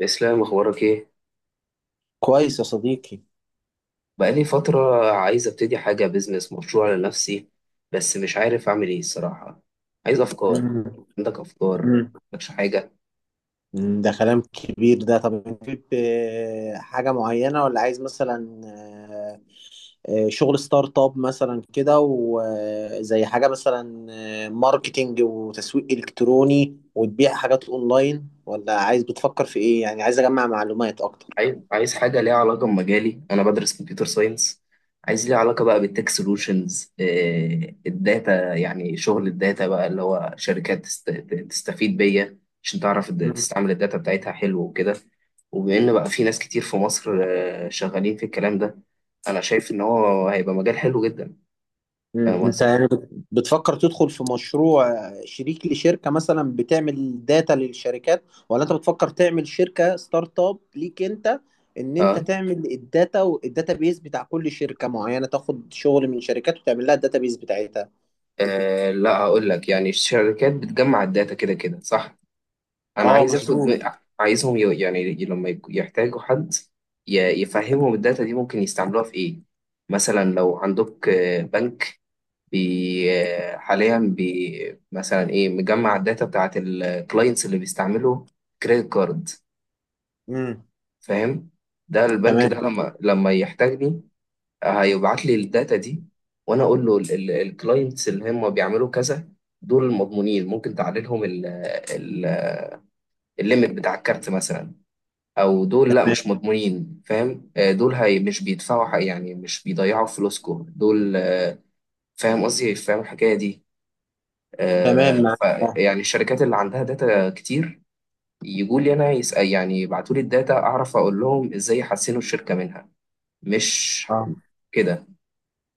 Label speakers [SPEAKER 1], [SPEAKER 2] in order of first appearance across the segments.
[SPEAKER 1] اسلام، اخبارك ايه؟
[SPEAKER 2] كويس يا صديقي.
[SPEAKER 1] بقالي فتره عايز ابتدي حاجه، بيزنس، مشروع لنفسي. بس مش عارف اعمل ايه الصراحه. عايز افكار.
[SPEAKER 2] مم.
[SPEAKER 1] عندك افكار؟
[SPEAKER 2] مم.
[SPEAKER 1] مش حاجه؟
[SPEAKER 2] مم. ده كلام كبير ده. طب انت حابب، حاجة معينة، ولا عايز مثلا شغل ستارت اب مثلا كده، وزي حاجة مثلا ماركتينج وتسويق إلكتروني وتبيع حاجات اونلاين، ولا عايز بتفكر في ايه؟ يعني عايز اجمع معلومات اكتر.
[SPEAKER 1] عايز حاجة ليها علاقة بمجالي، أنا بدرس كمبيوتر ساينس. عايز ليها علاقة بقى بالتك سولوشنز. الداتا، يعني شغل الداتا بقى اللي هو شركات تستفيد بيا. عشان تعرف تستعمل الداتا بتاعتها، حلو وكده. وبإن بقى في ناس كتير في مصر شغالين في الكلام ده. أنا شايف إن هو هيبقى مجال حلو جدا.
[SPEAKER 2] مم.
[SPEAKER 1] فاهم
[SPEAKER 2] انت
[SPEAKER 1] قصدي؟
[SPEAKER 2] يعني بتفكر تدخل في مشروع شريك لشركة مثلا بتعمل داتا للشركات، ولا انت بتفكر تعمل شركة ستارت اب ليك انت؟ ان انت
[SPEAKER 1] أه.
[SPEAKER 2] تعمل الداتا والداتا بيز بتاع كل شركة معينة، تاخد شغل من شركات وتعمل لها الداتا بيز بتاعتها.
[SPEAKER 1] لا، هقول لك يعني الشركات بتجمع الداتا كده كده، صح؟ انا
[SPEAKER 2] اه،
[SPEAKER 1] عايز
[SPEAKER 2] مظبوط.
[SPEAKER 1] اخد. عايزهم، لما يحتاجوا حد، يفهمهم الداتا دي ممكن يستعملوها في ايه. مثلا لو عندك بنك. بي آه، حاليا مثلا ايه مجمع الداتا بتاعت الكلاينتس اللي بيستعملوا كريدت كارد.
[SPEAKER 2] امم.
[SPEAKER 1] فاهم. ده البنك ده
[SPEAKER 2] تمام.
[SPEAKER 1] لما يحتاجني، هيبعت لي الداتا دي، وانا اقول له الكلاينتس اللي هم بيعملوا كذا، دول مضمونين، ممكن تعلي لهم ال- الليميت بتاع الكارت مثلا. او دول لا،
[SPEAKER 2] تمام
[SPEAKER 1] مش مضمونين، فاهم. دول هي مش بيدفعوا حق، يعني مش بيضيعوا فلوسكم دول. فاهم قصدي، فاهم الحكايه دي. آه،
[SPEAKER 2] تمام معاك.
[SPEAKER 1] ف
[SPEAKER 2] اه،
[SPEAKER 1] يعني الشركات اللي عندها داتا كتير يجوا لي انا يسأل، يعني يبعتوا لي الداتا اعرف اقول لهم ازاي يحسنوا الشركه منها. مش
[SPEAKER 2] اه
[SPEAKER 1] كده؟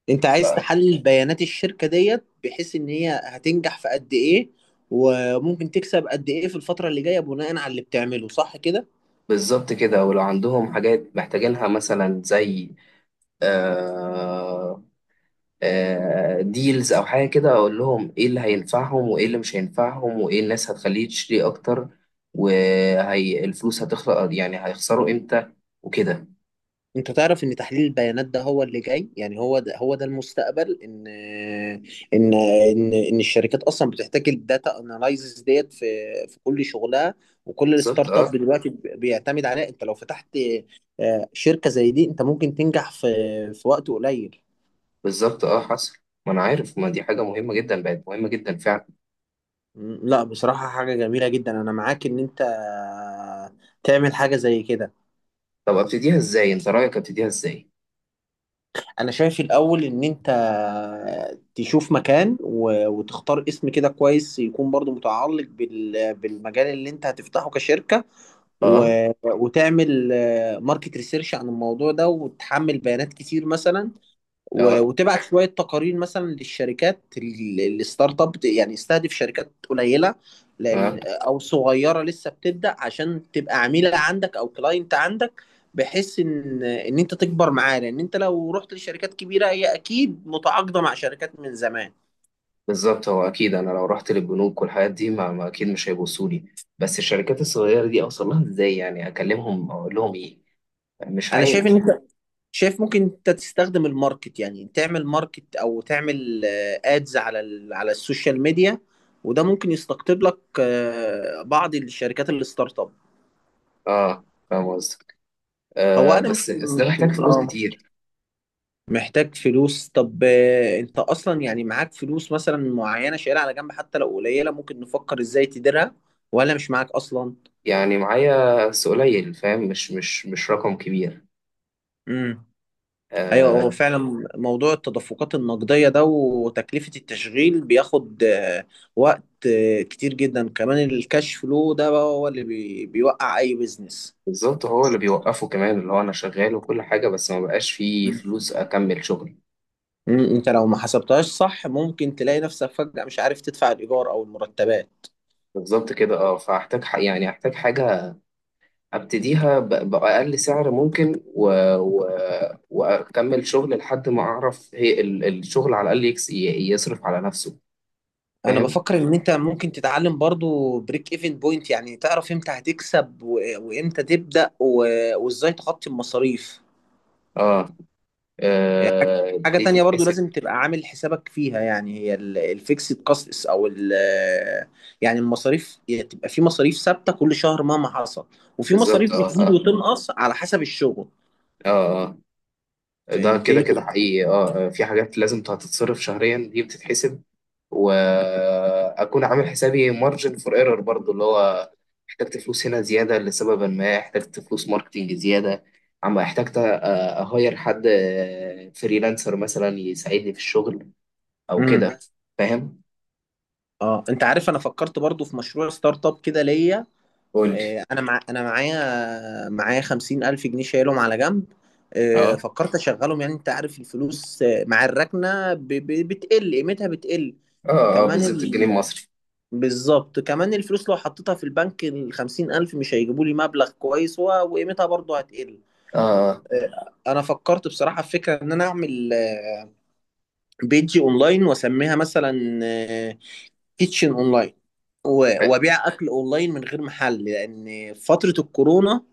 [SPEAKER 2] انت عايز تحلل بيانات الشركة ديت، بحيث ان هي هتنجح في قد ايه، وممكن تكسب قد ايه في الفترة اللي جاية بناء على اللي بتعمله، صح كده؟
[SPEAKER 1] بالظبط كده، ولو عندهم حاجات محتاجينها مثلا زي آه ديلز او حاجه كده، اقول لهم ايه اللي هينفعهم وايه اللي مش هينفعهم وايه الناس هتخليه تشتري اكتر، وهي الفلوس هتخلق يعني هيخسروا امتى، وكده.
[SPEAKER 2] انت تعرف ان تحليل البيانات ده هو اللي جاي، يعني هو ده هو ده المستقبل، ان الشركات اصلا بتحتاج الداتا اناليزز ديت في كل شغلها، وكل
[SPEAKER 1] بالظبط
[SPEAKER 2] الستارت اب
[SPEAKER 1] اه.
[SPEAKER 2] دلوقتي بيعتمد عليها. انت لو فتحت شركة زي دي، انت ممكن تنجح في وقت قليل.
[SPEAKER 1] بالظبط اه، حصل. ما انا عارف، ما دي حاجه مهمه جدا، بقت مهمه جدا فعلا.
[SPEAKER 2] لا بصراحة حاجة جميلة جدا، انا معاك ان انت تعمل حاجة زي كده.
[SPEAKER 1] طب ابتديها ازاي، انت رايك ابتديها ازاي؟
[SPEAKER 2] انا شايف الاول ان انت تشوف مكان وتختار اسم كده كويس، يكون برضو متعلق بالمجال اللي انت هتفتحه كشركة،
[SPEAKER 1] اه،
[SPEAKER 2] وتعمل ماركت ريسيرش عن الموضوع ده، وتحمل بيانات كتير مثلا،
[SPEAKER 1] اه،
[SPEAKER 2] وتبعت شويه تقارير مثلا للشركات الستارت اب. يعني استهدف شركات قليله،
[SPEAKER 1] اه.
[SPEAKER 2] لان او صغيره لسه بتبدا، عشان تبقى عميله عندك او كلاينت عندك، بحيث ان انت تكبر معاه، لان انت لو رحت لشركات كبيره هي اكيد متعاقده مع شركات من زمان.
[SPEAKER 1] بالظبط، هو اكيد انا لو رحت للبنوك والحاجات دي ما اكيد مش هيبصوا لي. بس الشركات الصغيره دي اوصل لها ازاي؟ يعني اكلمهم اقول لهم ايه؟ مش
[SPEAKER 2] انا شايف ان
[SPEAKER 1] عارف.
[SPEAKER 2] انت شايف ممكن انت تستخدم الماركت، يعني تعمل ماركت او تعمل ادز على على السوشيال ميديا، وده ممكن يستقطب لك بعض الشركات الستارت اب.
[SPEAKER 1] اه. فاهم قصدي.
[SPEAKER 2] هو انا
[SPEAKER 1] بس
[SPEAKER 2] مش
[SPEAKER 1] بس ده
[SPEAKER 2] مش
[SPEAKER 1] محتاج فلوس كتير.
[SPEAKER 2] محتاج فلوس. طب انت اصلا يعني معاك فلوس مثلا معينه شايلها على جنب؟ حتى لو قليله ممكن نفكر ازاي تديرها، ولا مش معاك اصلا؟
[SPEAKER 1] يعني معايا، بس قليل فاهم، مش رقم كبير.
[SPEAKER 2] امم. ايوه هو
[SPEAKER 1] آه.
[SPEAKER 2] فعلا موضوع التدفقات النقديه ده وتكلفه التشغيل بياخد وقت كتير جدا، كمان الكاش فلو ده بقى هو اللي بيوقع اي بيزنس.
[SPEAKER 1] بالظبط، هو اللي بيوقفه كمان، اللي هو انا شغال وكل حاجة بس ما بقاش فيه
[SPEAKER 2] مم.
[SPEAKER 1] فلوس اكمل شغلي.
[SPEAKER 2] انت لو ما حسبتهاش صح، ممكن تلاقي نفسك فجأة مش عارف تدفع الايجار او المرتبات.
[SPEAKER 1] بالظبط كده، اه. فاحتاج احتاج حاجة ابتديها بأقل سعر ممكن، و... واكمل شغل لحد ما اعرف، هي الشغل على الاقل يصرف على نفسه.
[SPEAKER 2] انا
[SPEAKER 1] فاهم.
[SPEAKER 2] بفكر ان انت ممكن تتعلم برضو بريك ايفن بوينت، يعني تعرف امتى هتكسب وامتى تبدأ وازاي تغطي المصاريف.
[SPEAKER 1] اه،
[SPEAKER 2] هي حاجة
[SPEAKER 1] دي
[SPEAKER 2] تانية برضو
[SPEAKER 1] تتحسب.
[SPEAKER 2] لازم تبقى عامل حسابك فيها، يعني هي الفيكسد كاستس او ال، يعني المصاريف، هي تبقى في مصاريف ثابتة كل شهر مهما حصل، وفي
[SPEAKER 1] بالظبط،
[SPEAKER 2] مصاريف
[SPEAKER 1] اه،
[SPEAKER 2] بتزيد
[SPEAKER 1] اه،
[SPEAKER 2] وتنقص على حسب الشغل.
[SPEAKER 1] اه، آه. ده كده
[SPEAKER 2] فهمتني؟
[SPEAKER 1] كده حقيقي، اه. في حاجات لازم هتتصرف شهريا دي بتتحسب، واكون عامل حسابي مارجن فور ايرور برضو، اللي هو احتجت فلوس هنا زياده لسبب ما، احتجت فلوس ماركتينج زياده، عم احتجت اهير حد فريلانسر مثلا يساعدني في الشغل، او
[SPEAKER 2] امم.
[SPEAKER 1] كده. فاهم.
[SPEAKER 2] اه انت عارف انا فكرت برضو في مشروع ستارت اب كده ليا.
[SPEAKER 1] قول لي.
[SPEAKER 2] انا معايا 50,000 جنيه شايلهم على جنب.
[SPEAKER 1] اه،
[SPEAKER 2] فكرت اشغلهم، يعني انت عارف الفلوس مع الركنه بتقل قيمتها بتقل.
[SPEAKER 1] اه، اه،
[SPEAKER 2] كمان
[SPEAKER 1] بالظبط، الجنيه
[SPEAKER 2] ال...
[SPEAKER 1] المصري.
[SPEAKER 2] بالظبط كمان الفلوس لو حطيتها في البنك الـ 50,000 مش هيجيبوا لي مبلغ كويس، وقيمتها برضه هتقل.
[SPEAKER 1] اه،
[SPEAKER 2] انا فكرت بصراحه في فكره ان انا اعمل بيج اونلاين واسميها مثلا كيتشن اونلاين،
[SPEAKER 1] اه،
[SPEAKER 2] وابيع اكل اونلاين من غير محل، لان في فتره الكورونا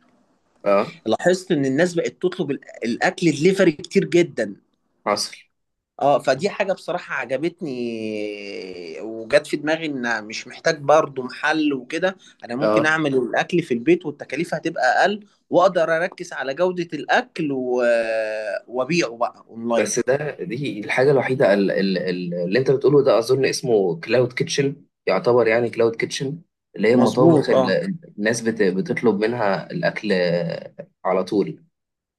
[SPEAKER 1] اه،
[SPEAKER 2] لاحظت ان الناس بقت تطلب الاكل دليفري كتير جدا.
[SPEAKER 1] حصل.
[SPEAKER 2] اه، فدي حاجة بصراحة عجبتني، وجت في دماغي ان مش محتاج برضو محل وكده. انا ممكن
[SPEAKER 1] اه.
[SPEAKER 2] اعمل الاكل في البيت، والتكاليف هتبقى اقل، واقدر اركز على جودة الاكل وابيعه بقى
[SPEAKER 1] بس
[SPEAKER 2] اونلاين.
[SPEAKER 1] ده، دي الحاجة الوحيدة اللي انت بتقوله ده اظن اسمه كلاود كيتشن. يعتبر يعني كلاود كيتشن، اللي هي المطابخ
[SPEAKER 2] مظبوط اه.
[SPEAKER 1] اللي الناس بتطلب منها الاكل على طول.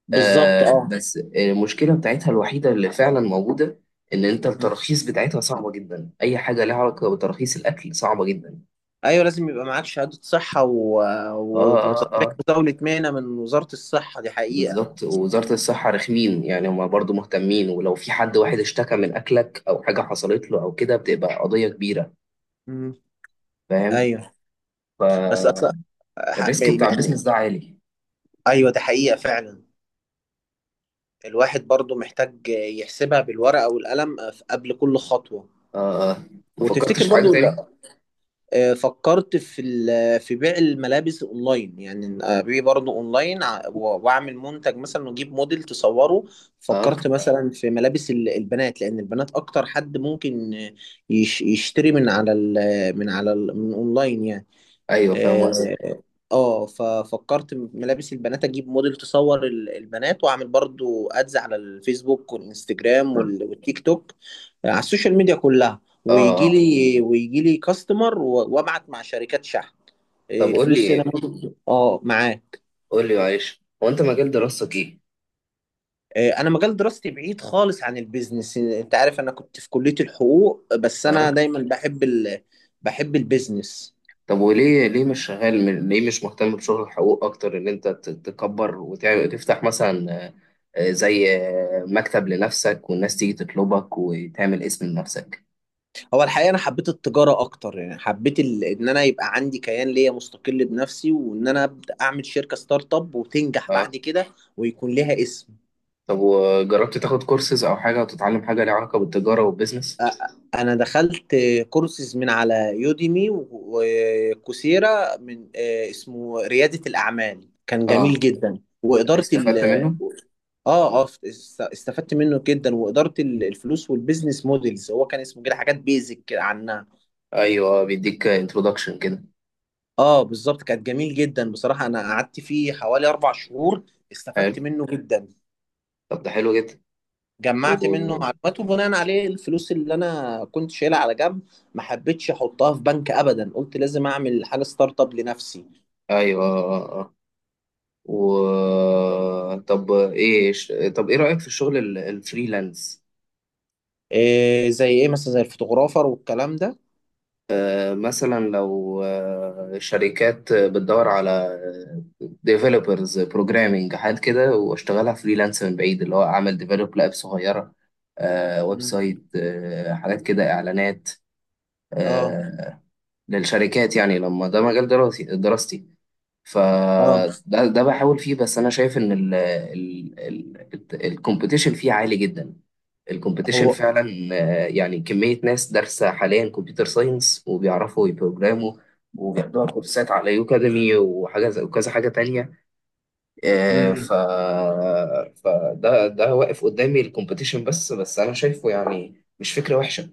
[SPEAKER 2] بالظبط اه.
[SPEAKER 1] بس المشكلة بتاعتها الوحيدة اللي فعلا موجودة، ان انت التراخيص بتاعتها صعبة جدا، اي حاجة لها علاقة بتراخيص الاكل صعبة جدا.
[SPEAKER 2] ايوه لازم يبقى معاك شهادة صحة
[SPEAKER 1] اه، اه، اه.
[SPEAKER 2] وتصريح مزاولة مهنة من وزارة الصحة، دي حقيقة.
[SPEAKER 1] بالظبط، ووزارة الصحة رخمين يعني، هما برضو مهتمين، ولو في حد واحد اشتكى من اكلك او حاجة حصلت له او كده بتبقى قضية كبيرة.
[SPEAKER 2] مم.
[SPEAKER 1] فاهم.
[SPEAKER 2] ايوه بس أص...
[SPEAKER 1] فالريسك بتاع البيزنس ده عالي.
[SPEAKER 2] ايوه ده حقيقة فعلا. الواحد برضو محتاج يحسبها بالورقة والقلم قبل كل خطوة.
[SPEAKER 1] اه، آه. ما فكرتش
[SPEAKER 2] وتفتكر
[SPEAKER 1] في حاجة
[SPEAKER 2] برضو
[SPEAKER 1] تاني؟
[SPEAKER 2] لا؟ فكرت في في بيع الملابس اونلاين، يعني ابيع برضو اونلاين، واعمل منتج مثلا واجيب موديل تصوره.
[SPEAKER 1] اه،
[SPEAKER 2] فكرت مثلا في ملابس البنات، لان البنات اكتر حد ممكن يشتري من اونلاين يعني.
[SPEAKER 1] ايوه، فاهم
[SPEAKER 2] آه،
[SPEAKER 1] قصدك.
[SPEAKER 2] اه ففكرت ملابس البنات، اجيب موديل تصور البنات، واعمل برضو ادز على الفيسبوك والانستجرام والتيك توك، على السوشيال ميديا كلها،
[SPEAKER 1] اه، آه.
[SPEAKER 2] ويجي لي كاستمر، وابعت مع شركات شحن.
[SPEAKER 1] طب قول
[SPEAKER 2] الفلوس هنا
[SPEAKER 1] لي،
[SPEAKER 2] برضو- معاه.
[SPEAKER 1] قول لي معلش، هو انت مجال دراستك ايه؟
[SPEAKER 2] انا مجال دراستي بعيد خالص عن البيزنس، انت عارف انا كنت في كلية الحقوق، بس انا
[SPEAKER 1] اه.
[SPEAKER 2] دايما بحب بحب البيزنس.
[SPEAKER 1] طب وليه، ليه مش مهتم بشغل الحقوق اكتر، ان انت تكبر وتعمل تفتح مثلا، زي مكتب لنفسك والناس تيجي تطلبك وتعمل اسم لنفسك.
[SPEAKER 2] هو الحقيقة أنا حبيت التجارة أكتر، يعني حبيت إن أنا يبقى عندي كيان ليا مستقل بنفسي، وإن أنا أبدأ أعمل شركة ستارت أب وتنجح
[SPEAKER 1] اه.
[SPEAKER 2] بعد كده، ويكون لها اسم.
[SPEAKER 1] طب، وجربت تاخد كورسز او حاجة وتتعلم حاجة ليها علاقة بالتجارة والبيزنس؟
[SPEAKER 2] أنا دخلت كورسز من على يوديمي وكوسيرا، من اسمه ريادة الأعمال كان جميل
[SPEAKER 1] اه،
[SPEAKER 2] جدا، وإدارة ال،
[SPEAKER 1] استفدت منه؟
[SPEAKER 2] استفدت منه جدا، وإدارة الفلوس والبيزنس موديلز، هو كان اسمه كده، حاجات بيزك عن.
[SPEAKER 1] ايوه، بيديك انترودكشن كده.
[SPEAKER 2] اه بالظبط، كانت جميل جدا بصراحة، انا قعدت فيه حوالي 4 شهور، استفدت
[SPEAKER 1] حلو.
[SPEAKER 2] منه جدا.
[SPEAKER 1] طب، ده حلو جدا.
[SPEAKER 2] جمعت منه
[SPEAKER 1] و
[SPEAKER 2] معلومات، وبناء عليه الفلوس اللي انا كنت شايلها على جنب ما حبيتش احطها في بنك ابدا، قلت لازم اعمل حاجة ستارت اب لنفسي.
[SPEAKER 1] ايوه، آه. آه. و طب ايه رأيك في الشغل الفريلانس؟
[SPEAKER 2] إيه، زي ايه مثلا؟ زي الفوتوغرافر والكلام ده؟
[SPEAKER 1] مثلا لو شركات بتدور على ديفلوبرز بروجرامينج حاجات كده، واشتغلها فريلانس من بعيد، اللي هو اعمل ديفلوب لاب صغيرة، ويب
[SPEAKER 2] مم.
[SPEAKER 1] سايت، حاجات كده، اعلانات،
[SPEAKER 2] اه،
[SPEAKER 1] آه، للشركات يعني، لما ده مجال دراستي،
[SPEAKER 2] اه
[SPEAKER 1] فده بحاول فيه، بس انا شايف ان ال ال ال الكومبيتيشن فيه عالي جدا. الكومبيتيشن
[SPEAKER 2] هو.
[SPEAKER 1] فعلا. يعني كمية ناس دارسة حاليا كمبيوتر ساينس وبيعرفوا يبروجراموا، وبياخدوها كورسات على يوكاديمي، وكذا حاجة تانية. آه، ف
[SPEAKER 2] مم.
[SPEAKER 1] فده واقف قدامي الكومبيتيشن، بس انا شايفه يعني مش فكرة وحشة.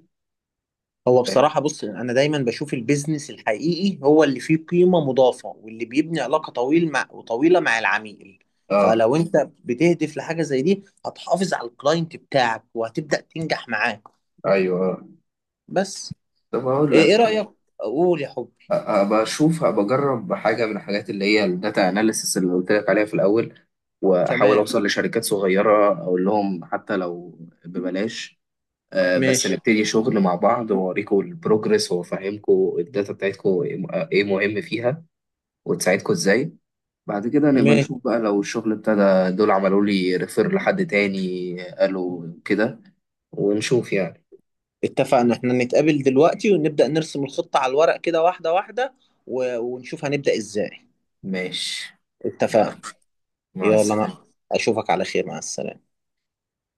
[SPEAKER 1] فاهم؟
[SPEAKER 2] بصراحة بص، أنا دايما بشوف البيزنس الحقيقي هو اللي فيه قيمة مضافة، واللي بيبني علاقة طويل مع، وطويلة مع العميل.
[SPEAKER 1] اه.
[SPEAKER 2] فلو أنت بتهدف لحاجة زي دي، هتحافظ على الكلاينت بتاعك وهتبدأ تنجح معاه.
[SPEAKER 1] ايوه، آه.
[SPEAKER 2] بس
[SPEAKER 1] طب اقول
[SPEAKER 2] إيه
[SPEAKER 1] لك،
[SPEAKER 2] رأيك؟ قول يا حبي.
[SPEAKER 1] بشوف، بجرب حاجة من الحاجات اللي هي الداتا اناليسيس اللي قلت لك عليها في الأول، وأحاول
[SPEAKER 2] تمام.
[SPEAKER 1] أوصل لشركات صغيرة أقول لهم حتى لو ببلاش، بس
[SPEAKER 2] ماشي.
[SPEAKER 1] نبتدي شغل مع بعض وأوريكم البروجرس، وأفهمكم الداتا بتاعتكم إيه مهم فيها، وتساعدكم إزاي. بعد كده نبقى
[SPEAKER 2] ماشي.
[SPEAKER 1] نشوف بقى، لو الشغل ابتدى دول عملوا لي ريفير لحد تاني قالوا كده، ونشوف يعني.
[SPEAKER 2] اتفقنا إحنا نتقابل دلوقتي، ونبدأ نرسم الخطة على الورق كده واحدة واحدة، ونشوف هنبدأ إزاي.
[SPEAKER 1] ماشي. يلا،
[SPEAKER 2] اتفقنا.
[SPEAKER 1] مع
[SPEAKER 2] يلا،
[SPEAKER 1] السلامة.
[SPEAKER 2] ما أشوفك على خير. مع السلامة.